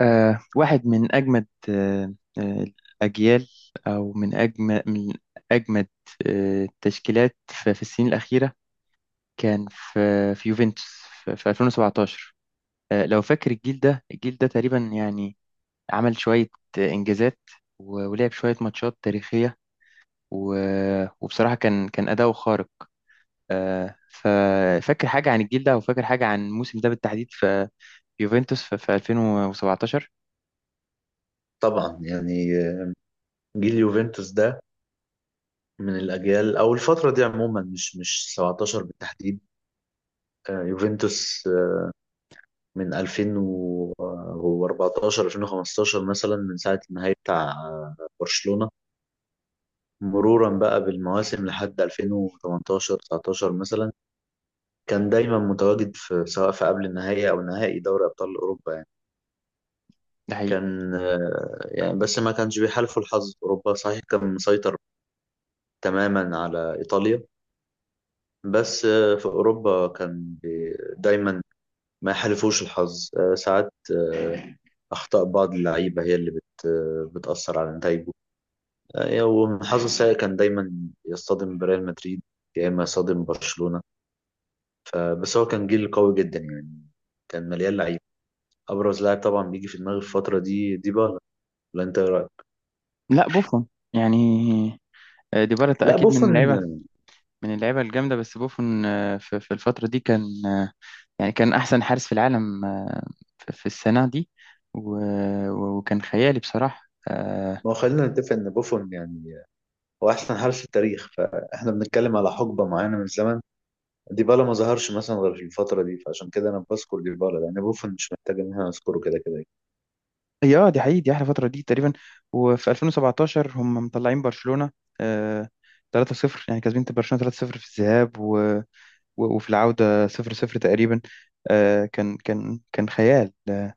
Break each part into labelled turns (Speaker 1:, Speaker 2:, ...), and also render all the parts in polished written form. Speaker 1: واحد من أجمد الأجيال، أو من أجمد أجمد التشكيلات في السنين الأخيرة. كان في يوفنتوس في 2017. لو فاكر الجيل ده الجيل ده تقريبا، يعني عمل شوية إنجازات، و- ولعب شوية ماتشات تاريخية، و- وبصراحة كان أداؤه خارق. ففاكر حاجة عن الجيل ده، أو فاكر حاجة عن الموسم ده بالتحديد، في يوفنتوس في 2017
Speaker 2: طبعا يعني، جيل يوفنتوس ده من الاجيال او الفتره دي عموما، مش 17 بالتحديد. يوفنتوس، من 2014 2015 مثلا، من ساعه النهائي بتاع برشلونه، مرورا بقى بالمواسم لحد 2018 19 مثلا. كان دايما متواجد في، سواء في قبل النهائي او نهائي دوري ابطال اوروبا يعني.
Speaker 1: ده؟
Speaker 2: كان يعني، بس ما كانش بيحالفه الحظ في اوروبا، صحيح كان مسيطر تماما على ايطاليا. بس في أوروبا كان دايما ما يحالفوش الحظ. ساعات أخطاء بعض اللعيبة هي اللي بت آه، بتأثر على نتايجه. وحظه السيء كان دايما يصطدم بريال مدريد يا إما يصطدم برشلونة. بس هو كان جيل قوي جدا يعني، كان مليان لعيبة. أبرز لاعب طبعا بيجي في دماغي في الفترة دي ديبالا. ولا أنت إيه رأيك؟
Speaker 1: لا، بوفون. يعني، ديبالا
Speaker 2: لا،
Speaker 1: اكيد من
Speaker 2: بوفون.
Speaker 1: اللعيبه، الجامده. بس بوفون في الفتره دي كان، يعني كان احسن حارس في العالم في السنه دي. و- و- وكان خيالي بصراحه.
Speaker 2: ما هو خلينا نتفق إن بوفون يعني هو أحسن حارس في التاريخ، فإحنا بنتكلم على حقبة معينة من الزمن. ديبالا ما ظهرش مثلا غير في الفترة دي، فعشان كده أنا بذكر ديبالا، لأن بوفون مش محتاج إن أنا أذكره كده كده.
Speaker 1: هي دي حقيقي، دي احلى فتره دي تقريبا. وفي 2017 هم مطلعين برشلونه آه، 3-0، يعني كاسبين برشلونه 3-0 في الذهاب، و- و- وفي العوده 0-0 تقريبا. كان خيال.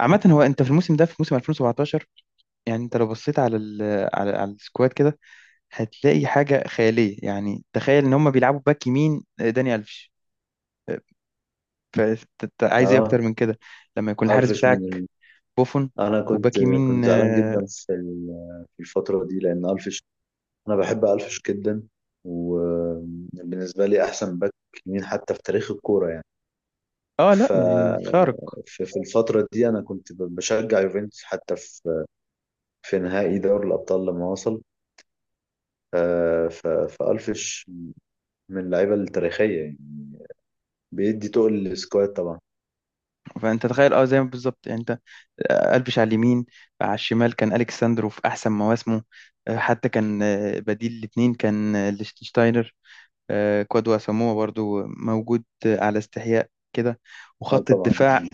Speaker 1: عامة، هو انت في الموسم ده، في موسم 2017، يعني انت لو بصيت على السكواد كده، هتلاقي حاجة خيالية. يعني تخيل ان هم بيلعبوا باك يمين داني الفيش، فانت عايز ايه
Speaker 2: اه،
Speaker 1: اكتر من كده، لما يكون الحارس
Speaker 2: ألفيش
Speaker 1: بتاعك بوفون
Speaker 2: أنا كنت
Speaker 1: وباك يمين.
Speaker 2: كنت زعلان جدا في الفترة دي لأن ألفيش. أنا بحب ألفيش جدا، وبالنسبة لي أحسن باك يمين حتى في تاريخ الكورة يعني.
Speaker 1: لا،
Speaker 2: ف
Speaker 1: يعني خارق.
Speaker 2: في الفترة دي أنا كنت بشجع يوفنتوس، حتى في في نهائي دوري الأبطال لما وصل. فألفيش من اللعيبة التاريخية يعني، بيدي تقل للسكواد طبعا.
Speaker 1: فانت تخيل زي ما بالظبط، يعني انت قلبش على اليمين، على الشمال كان الكساندرو في احسن مواسمه. حتى كان، بديل الاثنين كان، ليشتنشتاينر. كوادو اساموا برضو موجود، على استحياء كده.
Speaker 2: اه
Speaker 1: وخط
Speaker 2: طبعا،
Speaker 1: الدفاع،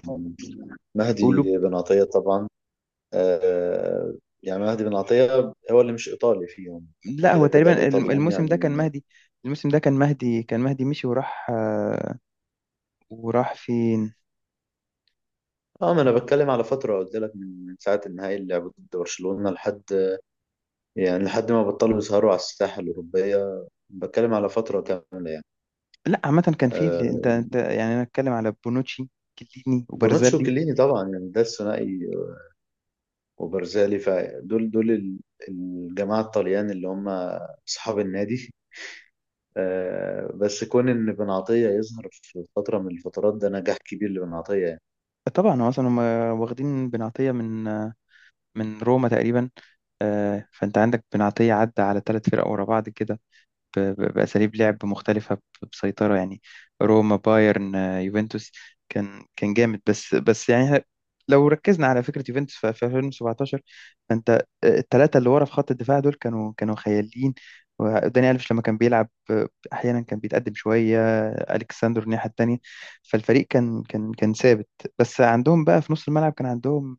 Speaker 2: مهدي بن عطية طبعا. آه يعني مهدي بن عطية هو اللي مش إيطالي فيهم،
Speaker 1: لا،
Speaker 2: كده
Speaker 1: هو
Speaker 2: كده
Speaker 1: تقريبا
Speaker 2: الإيطاليين
Speaker 1: الموسم ده كان
Speaker 2: يعني.
Speaker 1: مهدي. مشي وراح، وراح فين؟
Speaker 2: اه، ما أنا بتكلم على فترة، قلت لك من ساعة النهائي اللي لعبوه ضد برشلونة لحد، يعني لحد ما بطلوا يسهروا على الساحة الأوروبية. بتكلم على فترة كاملة يعني.
Speaker 1: لا عامة كان في انت
Speaker 2: آه
Speaker 1: انت يعني انا اتكلم على بونوتشي، كيليني
Speaker 2: بونوتشي
Speaker 1: وبرزالي.
Speaker 2: وكليني طبعا يعني، ده الثنائي وبرزالي، فدول الجماعة الطليان اللي هم أصحاب النادي. بس كون ان بن عطية يظهر في فترة من الفترات ده نجاح كبير لبن عطية يعني.
Speaker 1: طبعا هو اصلا هم واخدين بن عطية من روما تقريبا. فانت عندك بن عطية عدى على ثلاث فرق ورا بعض كده، ب- ب- بأساليب لعب مختلفة، ب- بسيطرة يعني. روما، بايرن، يوفنتوس. كان جامد، بس يعني. لو ركزنا على فكرة يوفنتوس في 2017، فأنت، الثلاثة اللي ورا في خط الدفاع دول كانوا خياليين. وداني ألفيش لما كان بيلعب، أحيانا كان بيتقدم شوية، ألكساندر الناحية التانية. فالفريق كان ثابت. بس عندهم بقى في نص الملعب كان عندهم،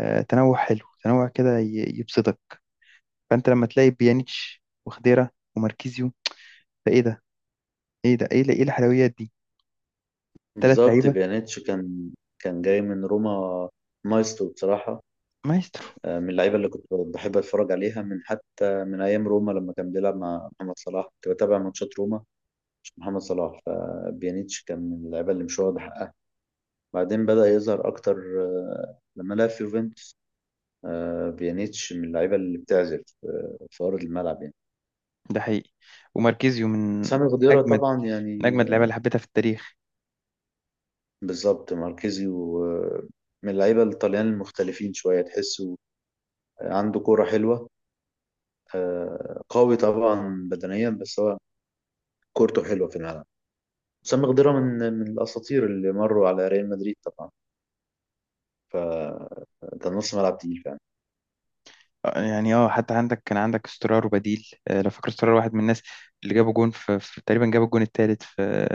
Speaker 1: تنوع حلو، تنوع كده ي- يبسطك. فأنت لما تلاقي بيانيتش وخديرة وماركيزيو، فإيه ده، ايه ده، ايه الحلويات دي! ثلاث
Speaker 2: بالظبط
Speaker 1: لعيبه.
Speaker 2: بيانيتش كان جاي من روما، مايسترو بصراحة.
Speaker 1: مايسترو.
Speaker 2: من اللعيبة اللي كنت بحب أتفرج عليها، من حتى من أيام روما لما كان بيلعب مع محمد صلاح، كنت بتابع ماتشات روما عشان محمد صلاح. فبيانيتش كان من اللعيبة اللي مش واخد حقها، بعدين بدأ يظهر أكتر لما لعب في يوفنتوس. بيانيتش من اللعيبة اللي بتعزف في أرض الملعب يعني.
Speaker 1: ده حقيقي. وماركيزيو من
Speaker 2: سامي خضيرة
Speaker 1: اجمد،
Speaker 2: طبعا يعني.
Speaker 1: اللعيبه اللي حبيتها في التاريخ.
Speaker 2: بالظبط ماركيزي ومن اللعيبة الطليان المختلفين شوية، تحسه عنده كورة حلوة. قوي طبعا بدنيا، بس هو كورته حلوة في الملعب. وسام خضيرة من الأساطير اللي مروا على ريال مدريد طبعا، فكان نص ملعب تقيل فعلا.
Speaker 1: يعني حتى كان عندك استرار وبديل، لو فاكر استرار، واحد من الناس اللي جابوا جون في تقريبا جاب الجون الثالث في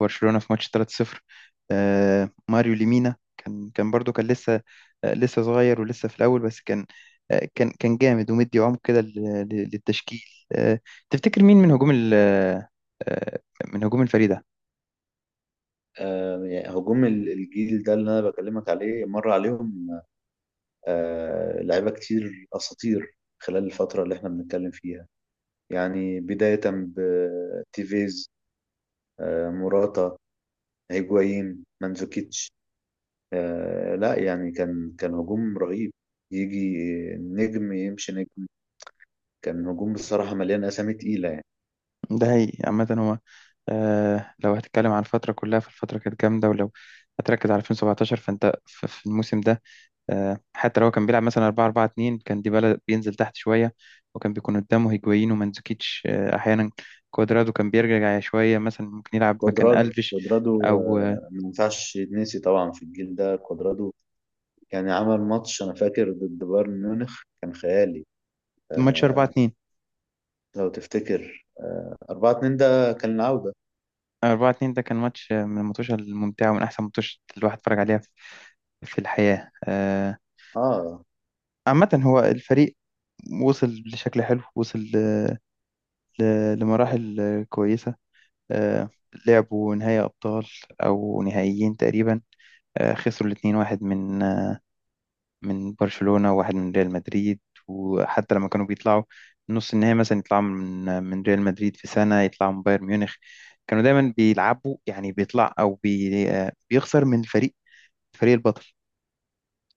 Speaker 1: برشلونه في ماتش 3-0. ماريو ليمينا كان برضو كان لسه، لسه صغير ولسه في الاول، بس كان، كان جامد، ومدي عمق كده للتشكيل. آه، تفتكر مين من هجوم آه، من هجوم الفريق ده؟
Speaker 2: يعني هجوم الجيل ده اللي أنا بكلمك عليه، مر عليهم لعيبة كتير أساطير خلال الفترة اللي احنا بنتكلم فيها يعني. بداية بتيفيز، موراتا، هيجوايين، مانزوكيتش. لا يعني، كان هجوم رهيب. يجي نجم يمشي نجم، كان هجوم بصراحة مليان أسامي تقيلة يعني.
Speaker 1: ده، هي، عامة هو، لو هتتكلم عن الفترة كلها فالفترة كانت جامدة، ولو هتركز على 2017 فانت في الموسم ده، حتى لو هو كان بيلعب مثلا 4-4-2، كان ديبالا بينزل تحت شوية، وكان بيكون قدامه هيجوين ومانزوكيتش. أحيانا كوادرادو كان بيرجع شوية، مثلا ممكن يلعب مكان
Speaker 2: كوادرادو
Speaker 1: ألفيش.
Speaker 2: كوادرادو
Speaker 1: أو
Speaker 2: ما ينفعش يتنسي طبعا في الجيل ده. كوادرادو يعني عمل ماتش، أنا فاكر ضد بايرن ميونخ، كان خيالي.
Speaker 1: ماتش 4
Speaker 2: آه
Speaker 1: 2
Speaker 2: لو تفتكر، 4-2، ده كان العودة.
Speaker 1: 4-2 ده كان ماتش، من الماتشات الممتعة ومن أحسن ماتش الواحد اتفرج عليها في الحياة.
Speaker 2: اه،
Speaker 1: عامة هو الفريق وصل لشكل حلو، وصل ل- لمراحل كويسة. آه، لعبوا نهائي أبطال أو نهائيين تقريبا. خسروا الاتنين، واحد من برشلونة وواحد من ريال مدريد. وحتى لما كانوا بيطلعوا نص النهائي مثلا، يطلعوا من ريال مدريد، في سنة يطلعوا من بايرن ميونخ. كانوا دايما بيلعبوا، يعني بيطلع، أو بي آه، بيخسر من الفريق البطل.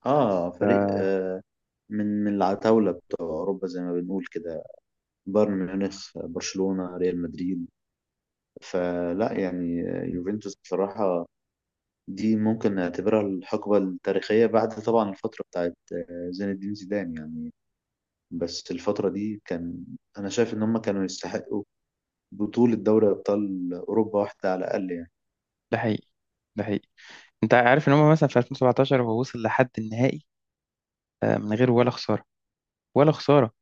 Speaker 2: اه، فريق من العتاولة بتوع أوروبا زي ما بنقول كده، بايرن ميونخ، برشلونة، ريال مدريد. فلا يعني، يوفنتوس بصراحة، دي ممكن نعتبرها الحقبة التاريخية بعد طبعا الفترة بتاعت زين الدين زيدان يعني. بس الفترة دي كان، أنا شايف إن هم كانوا يستحقوا بطولة دوري أبطال أوروبا واحدة على الأقل يعني.
Speaker 1: ده حقيقي. ده حقيقي. أنت عارف إن هم مثلا في 2017 هو وصل لحد النهائي، من غير ولا خسارة، ولا خسارة،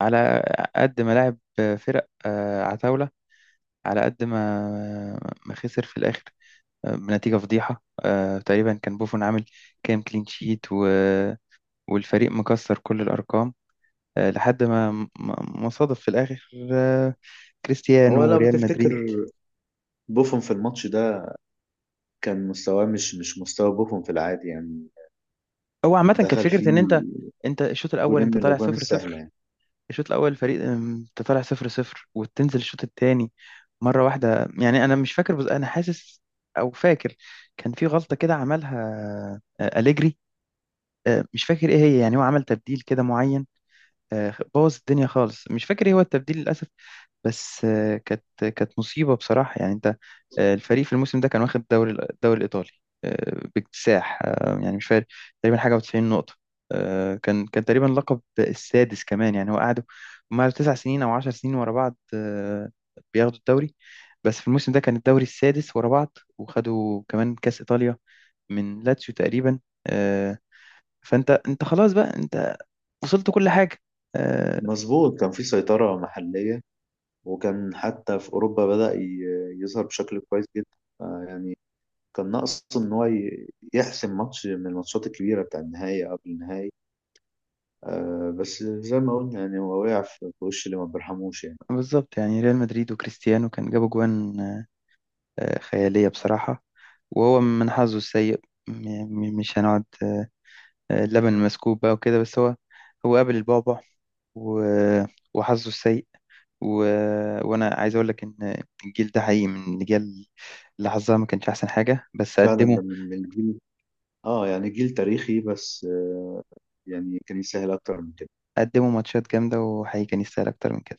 Speaker 1: على قد ما لعب فرق عتاولة، على قد ما ما خسر في الآخر، بنتيجة فضيحة. تقريبا كان بوفون عامل كام كلين شيت، و... والفريق مكسر كل الأرقام. لحد ما مصادف في الآخر،
Speaker 2: هو
Speaker 1: كريستيانو
Speaker 2: لو
Speaker 1: وريال
Speaker 2: بتفتكر،
Speaker 1: مدريد.
Speaker 2: بوفون في الماتش ده كان مستواه مش مستوى بوفون في العادي يعني،
Speaker 1: هو عامة كانت
Speaker 2: دخل
Speaker 1: فكرة إن،
Speaker 2: فيه
Speaker 1: أنت الشوط الأول
Speaker 2: جولين من
Speaker 1: أنت طالع
Speaker 2: الأجوان السهلة
Speaker 1: 0-0.
Speaker 2: يعني.
Speaker 1: الشوط الاول الفريق، انت طالع 0-0 وتنزل الشوط التاني مره واحده. يعني انا مش فاكر، بس انا حاسس، او فاكر، كان في غلطه كده عملها، أليجري. مش فاكر ايه هي، يعني هو عمل تبديل كده معين، بوظ الدنيا خالص. مش فاكر ايه هو التبديل للأسف. بس، كانت مصيبة بصراحة. يعني انت، الفريق في الموسم ده كان واخد الدوري، الإيطالي، باكتساح. يعني مش فارق تقريبا حاجة و90 نقطة. كان تقريبا لقب السادس كمان. يعني هو قعدوا هم قعدوا 9 سنين أو 10 سنين ورا بعض، بياخدوا الدوري. بس في الموسم ده كان الدوري السادس ورا بعض، وخدوا كمان كأس إيطاليا من لاتسيو تقريبا. آه، فانت انت خلاص بقى، انت وصلت كل حاجة. آه،
Speaker 2: مظبوط، كان في سيطرة محلية، وكان حتى في أوروبا بدأ يظهر بشكل كويس جدا. يعني كان ناقص إن هو يحسم ماتش من الماتشات الكبيرة، بتاع النهائي قبل النهائي. بس زي ما قلنا يعني، هو وقع في وش اللي ما بيرحموش يعني.
Speaker 1: بالظبط يعني، ريال مدريد وكريستيانو كان جابوا جوان خيالية بصراحة. وهو من حظه السيء، م- مش هنقعد. اللبن مسكوب بقى وكده. بس هو قابل البعبع، و- وحظه السيء، و... وأنا عايز أقول لك إن الجيل ده حقيقي من الأجيال اللي حظها ما كانش أحسن حاجة. بس
Speaker 2: فعلا، ده من الجيل. اه يعني جيل تاريخي، بس يعني كان يسهل أكتر من كده.
Speaker 1: قدموا ماتشات جامدة، وحقيقي كان يستاهل أكتر من كده.